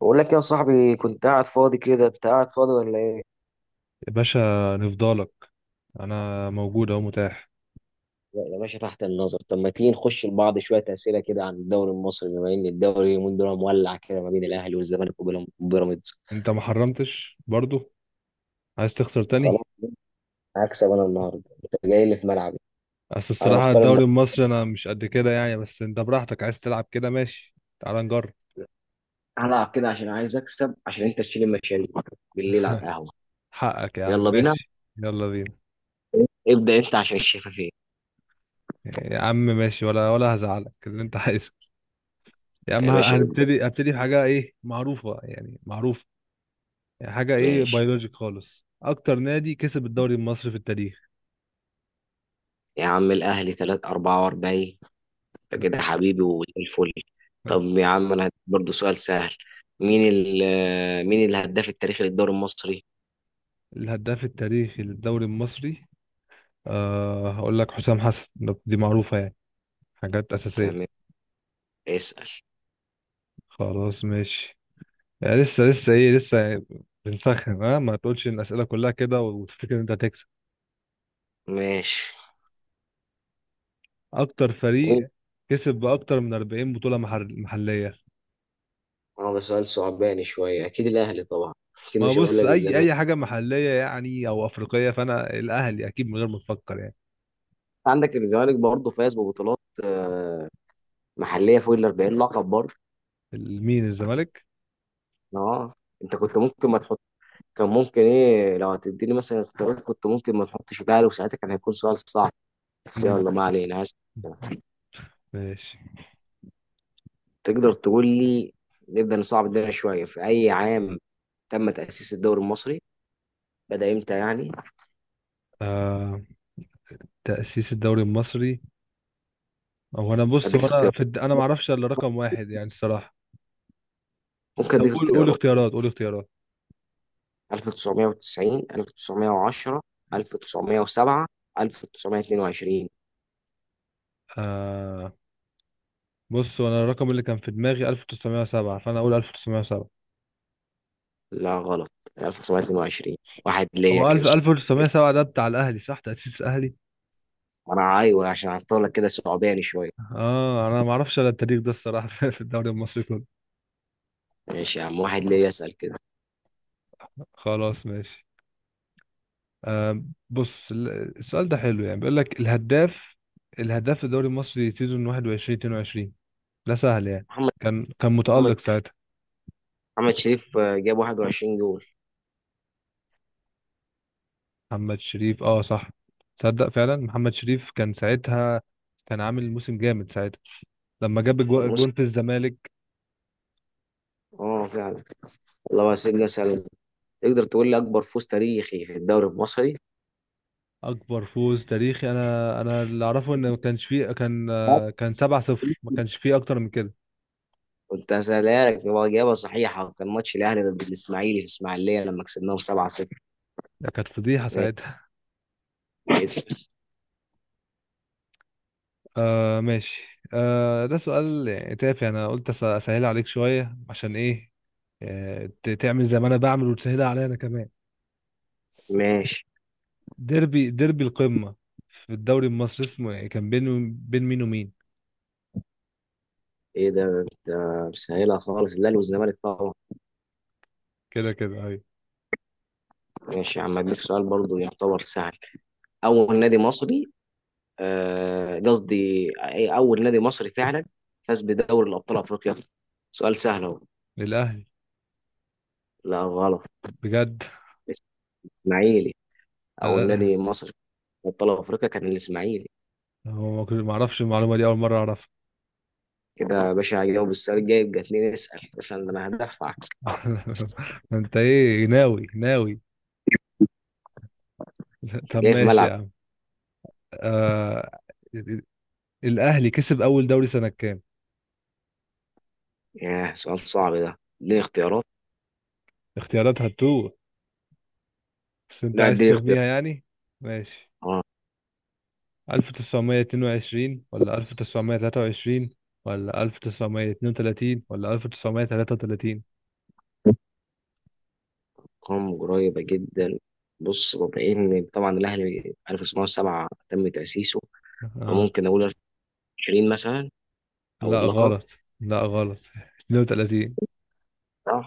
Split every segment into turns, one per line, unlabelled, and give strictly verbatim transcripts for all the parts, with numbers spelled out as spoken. بقول لك يا صاحبي، كنت قاعد فاضي كده. انت قاعد فاضي ولا ايه؟
يا باشا، نفضالك. انا موجود اهو، متاح.
لا يا باشا، تحت النظر. طب ما تيجي نخش لبعض شوية أسئلة كده عن الدوري المصري، بما إن الدوري اليومين دول مولع كده ما بين الأهلي والزمالك وبيرام- وبيراميدز
انت ما حرمتش برضو؟ عايز تخسر
خلاص،
تاني؟
هكسب أنا النهاردة، أنت جاي لي في ملعبي.
بس
أنا
الصراحة
مختار الم...
الدوري المصري انا مش قد كده يعني. بس انت براحتك، عايز تلعب كده ماشي. تعال نجرب.
هلعب كده عشان عايز أكسب، عشان أنت تشيل المشاريع بالليل على القهوة.
حقك يا عم،
يلا بينا.
ماشي. يلا بينا.
ابدأ أنت عشان الشفافية.
يا عم ماشي، ولا ولا هزعلك اللي انت عايزه. يا عم،
يا
ه-
باشا ابدأ.
هنبتدي هبتدي بحاجة ايه؟ معروفة يعني، معروفة. يعني حاجة ايه؟
ماشي
بيولوجيك خالص، اكتر نادي كسب الدوري المصري في التاريخ.
يا عم، الأهلي ثلاثة أربعة وأربعين. انت كده حبيبي وزي الفل. طب يا عم انا هديك برضه سؤال سهل، مين ال مين الهداف التاريخي للدوري المصري؟
الهداف التاريخي للدوري المصري، أه هقول لك حسام حسن. ده- دي معروفة يعني، حاجات أساسية.
تمام، اسأل.
خلاص ماشي. يعني لسه لسه إيه لسه بنسخن. أه ما تقولش إن الأسئلة كلها كده وتفكر إن أنت هتكسب.
ماشي.
أكتر
اه،
فريق كسب بأكتر من أربعين بطولة محل- محلية.
ده سؤال صعباني شوية. أكيد الأهلي طبعا، أكيد
ما
مش هقول
بص،
لك
أي
الزمالك.
أي حاجة محلية يعني أو أفريقية، فأنا الأهلي أكيد من غير ما تفكر يعني.
عندك الزمالك برضه فاز ببطولات آه، محلية فوق ال أربعين لقب برضه.
مين الزمالك؟
اه، أنت كنت ممكن ما تحط. كان ممكن إيه، لو هتديني مثلا اختيارات، كنت ممكن ما تحطش الأهلي، وساعتها كان هيكون سؤال صعب. بس
مم.
يلا، ما علينا، هسأل.
ماشي،
تقدر تقول لي، نبدأ نصعب الدنيا شوية، في أي عام تم تأسيس الدوري المصري؟ بدأ إمتى يعني؟
آه. تأسيس الدوري المصري. هو أنا بص،
أديك
هو أنا
اختيارات،
في الد... أنا معرفش إلا رقم واحد يعني، الصراحة.
ممكن
طب
أديك
قول قول
اختيارات.
اختيارات، قول اختيارات.
ألف وتسعمية وتسعين، ألف وتسعمية وعشرة، ألف وتسعمية وسبعة، ألف وتسعمية واثنين وعشرين.
آه بص، وانا الرقم اللي كان في دماغي ألف وتسعمائة وسبعة، فانا اقول ألف وتسعمائة وسبعة.
لا غلط، ألف وتسعمية اتنين وعشرين. واحد ليا
هو
كده.
1000 ألف وتسعمية وسبعة ده بتاع الاهلي، صح؟ تأسيس الاهلي.
أنا أيوه، عشان أحطها لك كده صعباني شوية.
اه انا ما اعرفش انا التاريخ ده الصراحه. في الدوري المصري كله.
ماشي يا عم، واحد ليا. أسأل كده.
خلاص ماشي. آه بص، ال- السؤال ده حلو يعني، بيقول لك الهداف. الهداف في الدوري المصري سيزون واحد وعشرين اتنين وعشرين، ده سهل يعني.
محمد
كان كان
محمد
متألق ساعتها.
محمد شريف، آه، جاب واحد وعشرين جول.
محمد شريف، اه صح. تصدق فعلا محمد شريف كان ساعتها، كان عامل موسم جامد ساعتها لما جاب جو-
الموسم،
جون في الزمالك.
اه فعلا. الله يسجل. أسأل. تقدر تقول لي اكبر فوز تاريخي في الدوري المصري؟
اكبر فوز تاريخي، انا انا اللي اعرفه ان ما كانش فيه. كان آه، كان سبعة صفر، ما كانش فيه اكتر من كده.
كنت هسألها لك، هو اجابه صحيحه، كان ماتش الاهلي ضد الاسماعيلي في اسماعيليه لما كسبناهم سبعة صفر.
ده كانت فضيحة ساعتها.
ماشي.
آه ماشي. آه، ده سؤال يعني تافه، انا قلت أس- اسهل عليك شوية عشان ايه. آه، ت- تعمل زي ما انا بعمل وتسهلها عليا انا كمان.
ماشي.
ديربي ديربي القمة في الدوري المصري اسمه، يعني كان بين بين مين ومين؟
ايه ده انت مسهلها خالص، الاهلي والزمالك طبعا.
كده كده، ايوه.
ماشي يا عم، اديك سؤال برضو يعتبر سهل. اول نادي مصري، آه، قصدي أي- اول نادي مصري فعلا فاز بدوري الابطال افريقيا؟ سؤال سهل اهو.
للاهلي.
لا غلط،
بجد؟
الاسماعيلي. اول
أنا-
نادي مصري في ابطال افريقيا كان الاسماعيلي.
هو ما كنت- ما اعرفش المعلومه دي، اول مره اعرفها.
كده يا باشا، هجاوب السؤال الجاي يبقى اتنين. اسأل مثلا، ده انا هدفعك.
انت ايه، ناوي ناوي؟ طب
جاي في
ماشي يا
ملعب.
عم. آه... الاهلي كسب اول دوري سنه كام؟
ياه، سؤال صعب ده. اديني اختيارات.
اختيارات هتوه، بس انت
لا
عايز
اديني اختيارات.
ترميها يعني. ماشي،
اه.
ألف وتسعمية واتنين وعشرين ولا ألف وتسعمائة وثلاثة وعشرين ولا ألف وتسعمية واتنين وتلاتين ولا ألف وتسعمائة وثلاثة وثلاثين؟
ارقام قريبة جدا. بص، بما ان طبعا الاهلي ألف وتسعمية وسبعة تم تأسيسه،
اه.
فممكن اقول عشرين مثلا. او
لا
اللقب.
غلط، لا غلط. اتنين وتلاتين.
صح.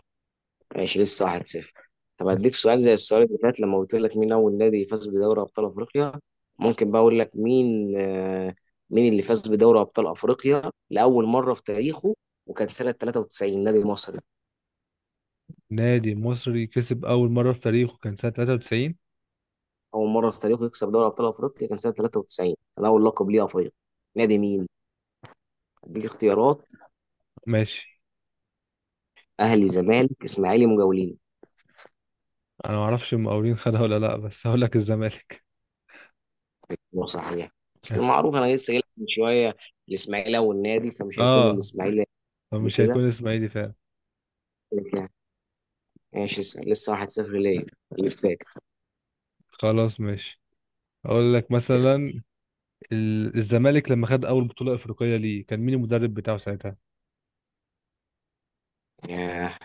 ماشي، لسه واحد صفر. طب هديك سؤال زي السؤال اللي فات لما قلت لك مين أول نادي فاز بدوري أبطال أفريقيا. ممكن بقى أقول لك، مين آه، مين اللي فاز بدوري أبطال أفريقيا لأول مرة في تاريخه، وكان سنة تلاتة وتسعين، نادي مصري؟
نادي مصري كسب أول مرة في تاريخه كان سنة تلاتة وتسعين؟
أول مرة في تاريخه يكسب دوري أبطال أفريقيا، كان سنة تلاتة وتسعين، كان أول لقب ليه أفريقيا. نادي مين؟ هديك اختيارات.
ماشي.
أهلي، زمالك، إسماعيلي، مجاولين.
أنا معرفش المقاولين خدها ولا لأ، بس هقول لك الزمالك.
هو صحيح، المعروف أنا لسه قايل لك من شوية الإسماعيلي أول نادي، فمش هيكون
آه،
الإسماعيلي قبل
فمش
كده.
هيكون إسماعيلي فعلا.
ماشي، اسأل، لسه واحد لا شيء ليا. اللي فاكر.
خلاص ماشي. أقول لك
اسأل.
مثلا، ال- الزمالك لما خد أول بطولة أفريقية ليه، كان مين المدرب بتاعه ساعتها؟
ياه،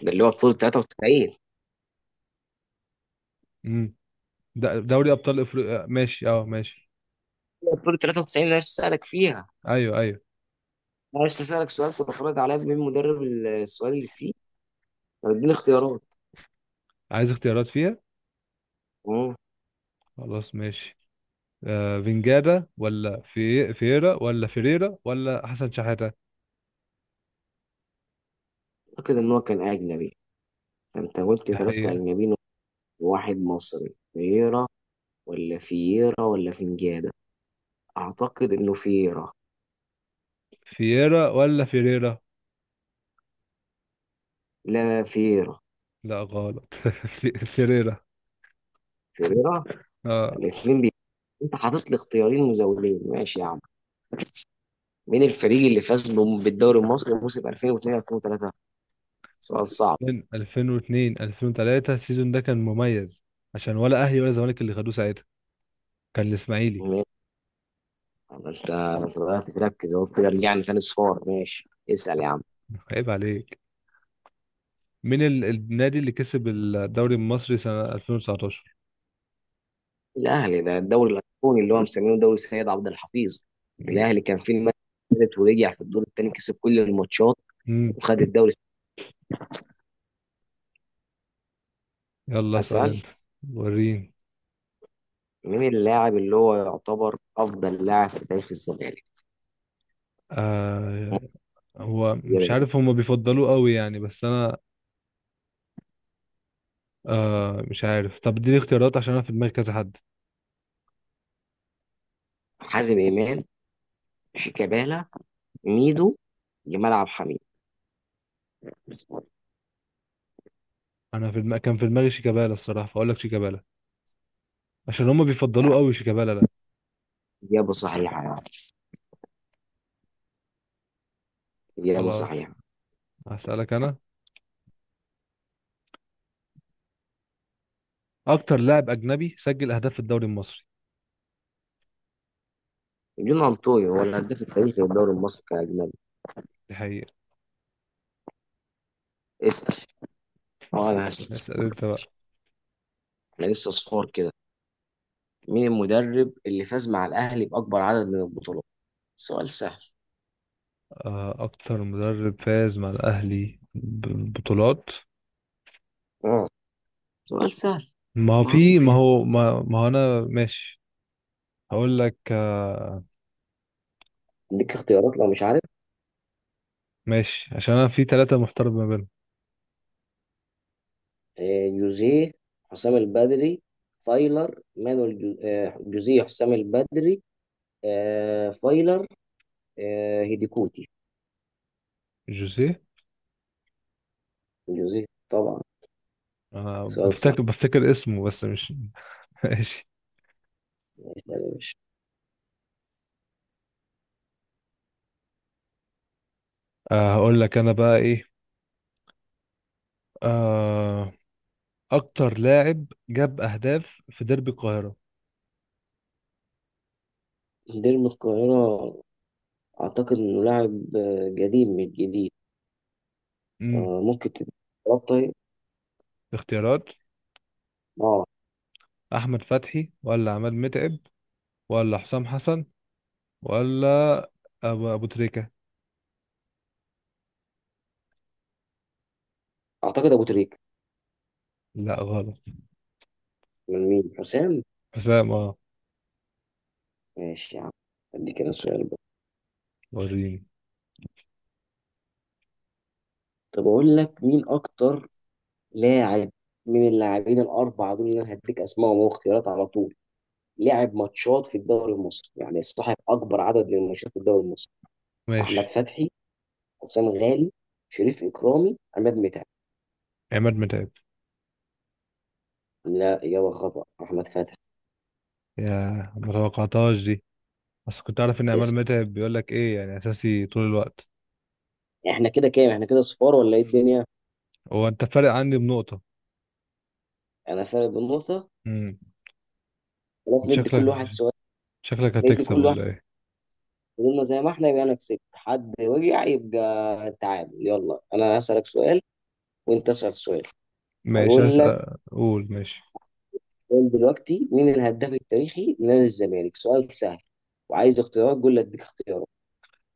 ده اللي هو بطولة تلاتة وتسعين.
امم د- دوري أبطال أفريقيا، ماشي، أه ماشي.
بطولة تلاتة وتسعين انا لسه اسألك فيها.
أيوه أيوه.
انا لسه اسألك سؤال، وافرض عليا مين مدرب السؤال اللي فيه. طب اديني اختيارات.
عايز اختيارات فيها؟
اه.
خلاص ماشي. آه، فينجادا ولا في فييرا ولا فيريرا ولا حسن شحاتة؟
اعتقد ان هو كان اجنبي، فانت قلت ثلاثة
هي.
اجنبيين وواحد مصري. فييرا. ولا فييرا ولا فنجادة. اعتقد انه فييرا.
فييرا ولا فيريرا؟
لا، فييرا.
لا غلط. في- فيريرا،
فييرا.
اه.
الاثنين بي... انت حاطط لي اختيارين مزولين. ماشي يا عم. مين الفريق اللي فاز بم- بالدوري المصري موسم ألفين واتنين ألفين وتلاتة؟ سؤال صعب.
2000 ألفين واثنين ألفين وتلاتة، السيزون ده كان مميز عشان ولا اهلي ولا زمالك اللي خدوه ساعتها، كان الاسماعيلي.
ماشي. طب انت بدأت تركز اهو. كده رجعنا تاني صفار. ماشي، اسأل يا عم.
عيب عليك. مين ال- النادي اللي كسب الدوري المصري سنة ألفين وتسعة عشر؟
الاهلي، ده الدوري الاسباني اللي هو مسمينه دوري سيد عبد الحفيظ. الاهلي كان في المركز الثالث، ورجع في الدور الثاني كسب كل الماتشات
امم.
وخد الدوري.
يلا اسأل
اسأل.
انت، وريني.
مين اللاعب اللي هو يعتبر افضل لاعب في تاريخ الزمالك؟
آه، هو مش
إجابات.
عارف. هما بيفضلوه قوي يعني، بس انا. آه مش عارف. طب اديني اختيارات عشان انا في دماغي كذا حد.
حازم امام، شيكابالا، ميدو، جمال عبد الحميد.
انا في دماغي كان في دماغي شيكابالا الصراحة، فاقول لك شيكابالا عشان هما
يعني
بيفضلوه قوي، شيكابالا ده.
إجابة صحيحة، يعني إجابة
خلاص.
صحيحة.
هسألك أنا، أكتر لاعب أجنبي سجل أهداف في الدوري المصري.
جون أنطوي هو الهداف التاريخي للدوري المصري كأجنبي.
دي حقيقة.
اسأل. اه انا لسه
اسأل أنت بقى.
انا لسه صفار كده. مين المدرب اللي فاز مع الاهلي باكبر عدد من البطولات؟ سؤال سهل.
آه، أكتر مدرب فاز مع الأهلي ببطولات.
اه، سؤال سهل،
ما هو في
معروف
ما
يعني.
هو ما, ما هو أنا ماشي. هقول لك. آه،
ليك اختيارات لو مش عارف.
ماشي، عشان أنا في ثلاثة محترف ما بينهم.
آه، يوزيه، حسام البدري، فايلر، مانويل جو- آه، يوزيه، حسام البدري، آه، فايلر، آه، هيديكوتي.
جوزيه.
يوزيه طبعا.
أنا
سؤال صح.
بفتكر بفتكر اسمه بس مش. ماشي.
اسأل يا باشا.
آه، هقول لك أنا بقى إيه. آه، أكتر لاعب جاب أهداف في ديربي القاهرة.
ديربي القاهرة. أعتقد إنه لاعب آه، قديم، مش جديد.
امم.
آه، ممكن تدي اختيارات طيب؟
اختيارات:
اه.
احمد فتحي ولا عماد متعب، ولا حسام حسن، ولا أبو, أبو تريكة؟
أعتقد أبو تريكة.
لا غلط.
من مين؟ حسام.
حسام، اه.
ماشي يا عم، ادي كده سؤال بقى.
وريني،
طب اقول لك مين اكتر لاعب من اللاعبين الاربعه دول اللي انا هديك اسمائهم واختيارات على طول، لعب ماتشات في الدوري المصري، يعني صاحب اكبر عدد من الماتشات في الدوري المصري؟ احمد
ماشي.
فتحي، حسام غالي، شريف اكرامي، عماد متعب.
عماد متعب.
لا، اجابه خطا، احمد فتحي.
يا، ما توقعتهاش دي. بس كنت عارف ان عماد
اسم.
متعب بيقول لك ايه يعني، اساسي طول الوقت.
احنا كده كام؟ احنا كده صفار ولا ايه الدنيا؟
هو انت فارق عني بنقطة.
انا فارق بالنقطه.
امم.
خلاص،
أنت
ندي كل
شكلك
واحد سؤال.
شكلك
ندي
هتكسب
كل
ولا ايه؟
فضلنا زي ما احنا، يبقى انا كسبت. حد وجع، يبقى تعادل. يلا، انا هسألك سؤال وانت اسأل سؤال.
ماشي،
هقول لك،
اسأل، قول ماشي.
قول دلوقتي مين الهداف التاريخي لنادي الزمالك؟ سؤال سهل. وعايز اختيارات قول لي اديك اختيارات.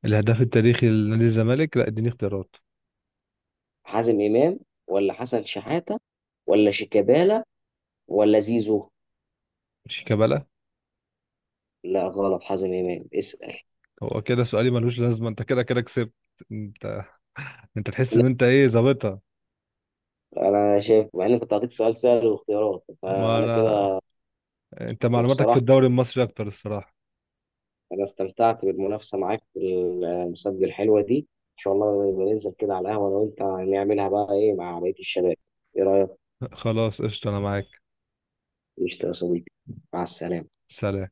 الهداف التاريخي لنادي الزمالك. لا، اديني اختيارات.
حازم امام، ولا حسن شحاتة، ولا شيكابالا، ولا زيزو؟
شيكابالا.
لا غلط، حازم امام. اسأل.
هو كده سؤالي ملوش لازمة، انت كده كده كسبت. انت انت تحس ان انت ايه، ظابطها.
لا انا شايف، مع اني كنت هديك سؤال سهل واختيارات،
ما
فانا
انا،
كده.
انت معلوماتك في
وبصراحة
الدوري المصري اكتر الصراحة.
انا استمتعت بالمنافسه معاك في المسابقه الحلوه دي. ان شاء الله نبقى ننزل كده على القهوه انا وانت، نعملها بقى ايه مع بقيه الشباب. ايه رايك؟
خلاص قشطة، انا معاك.
قشطة يا صديقي، مع السلامه.
سلام.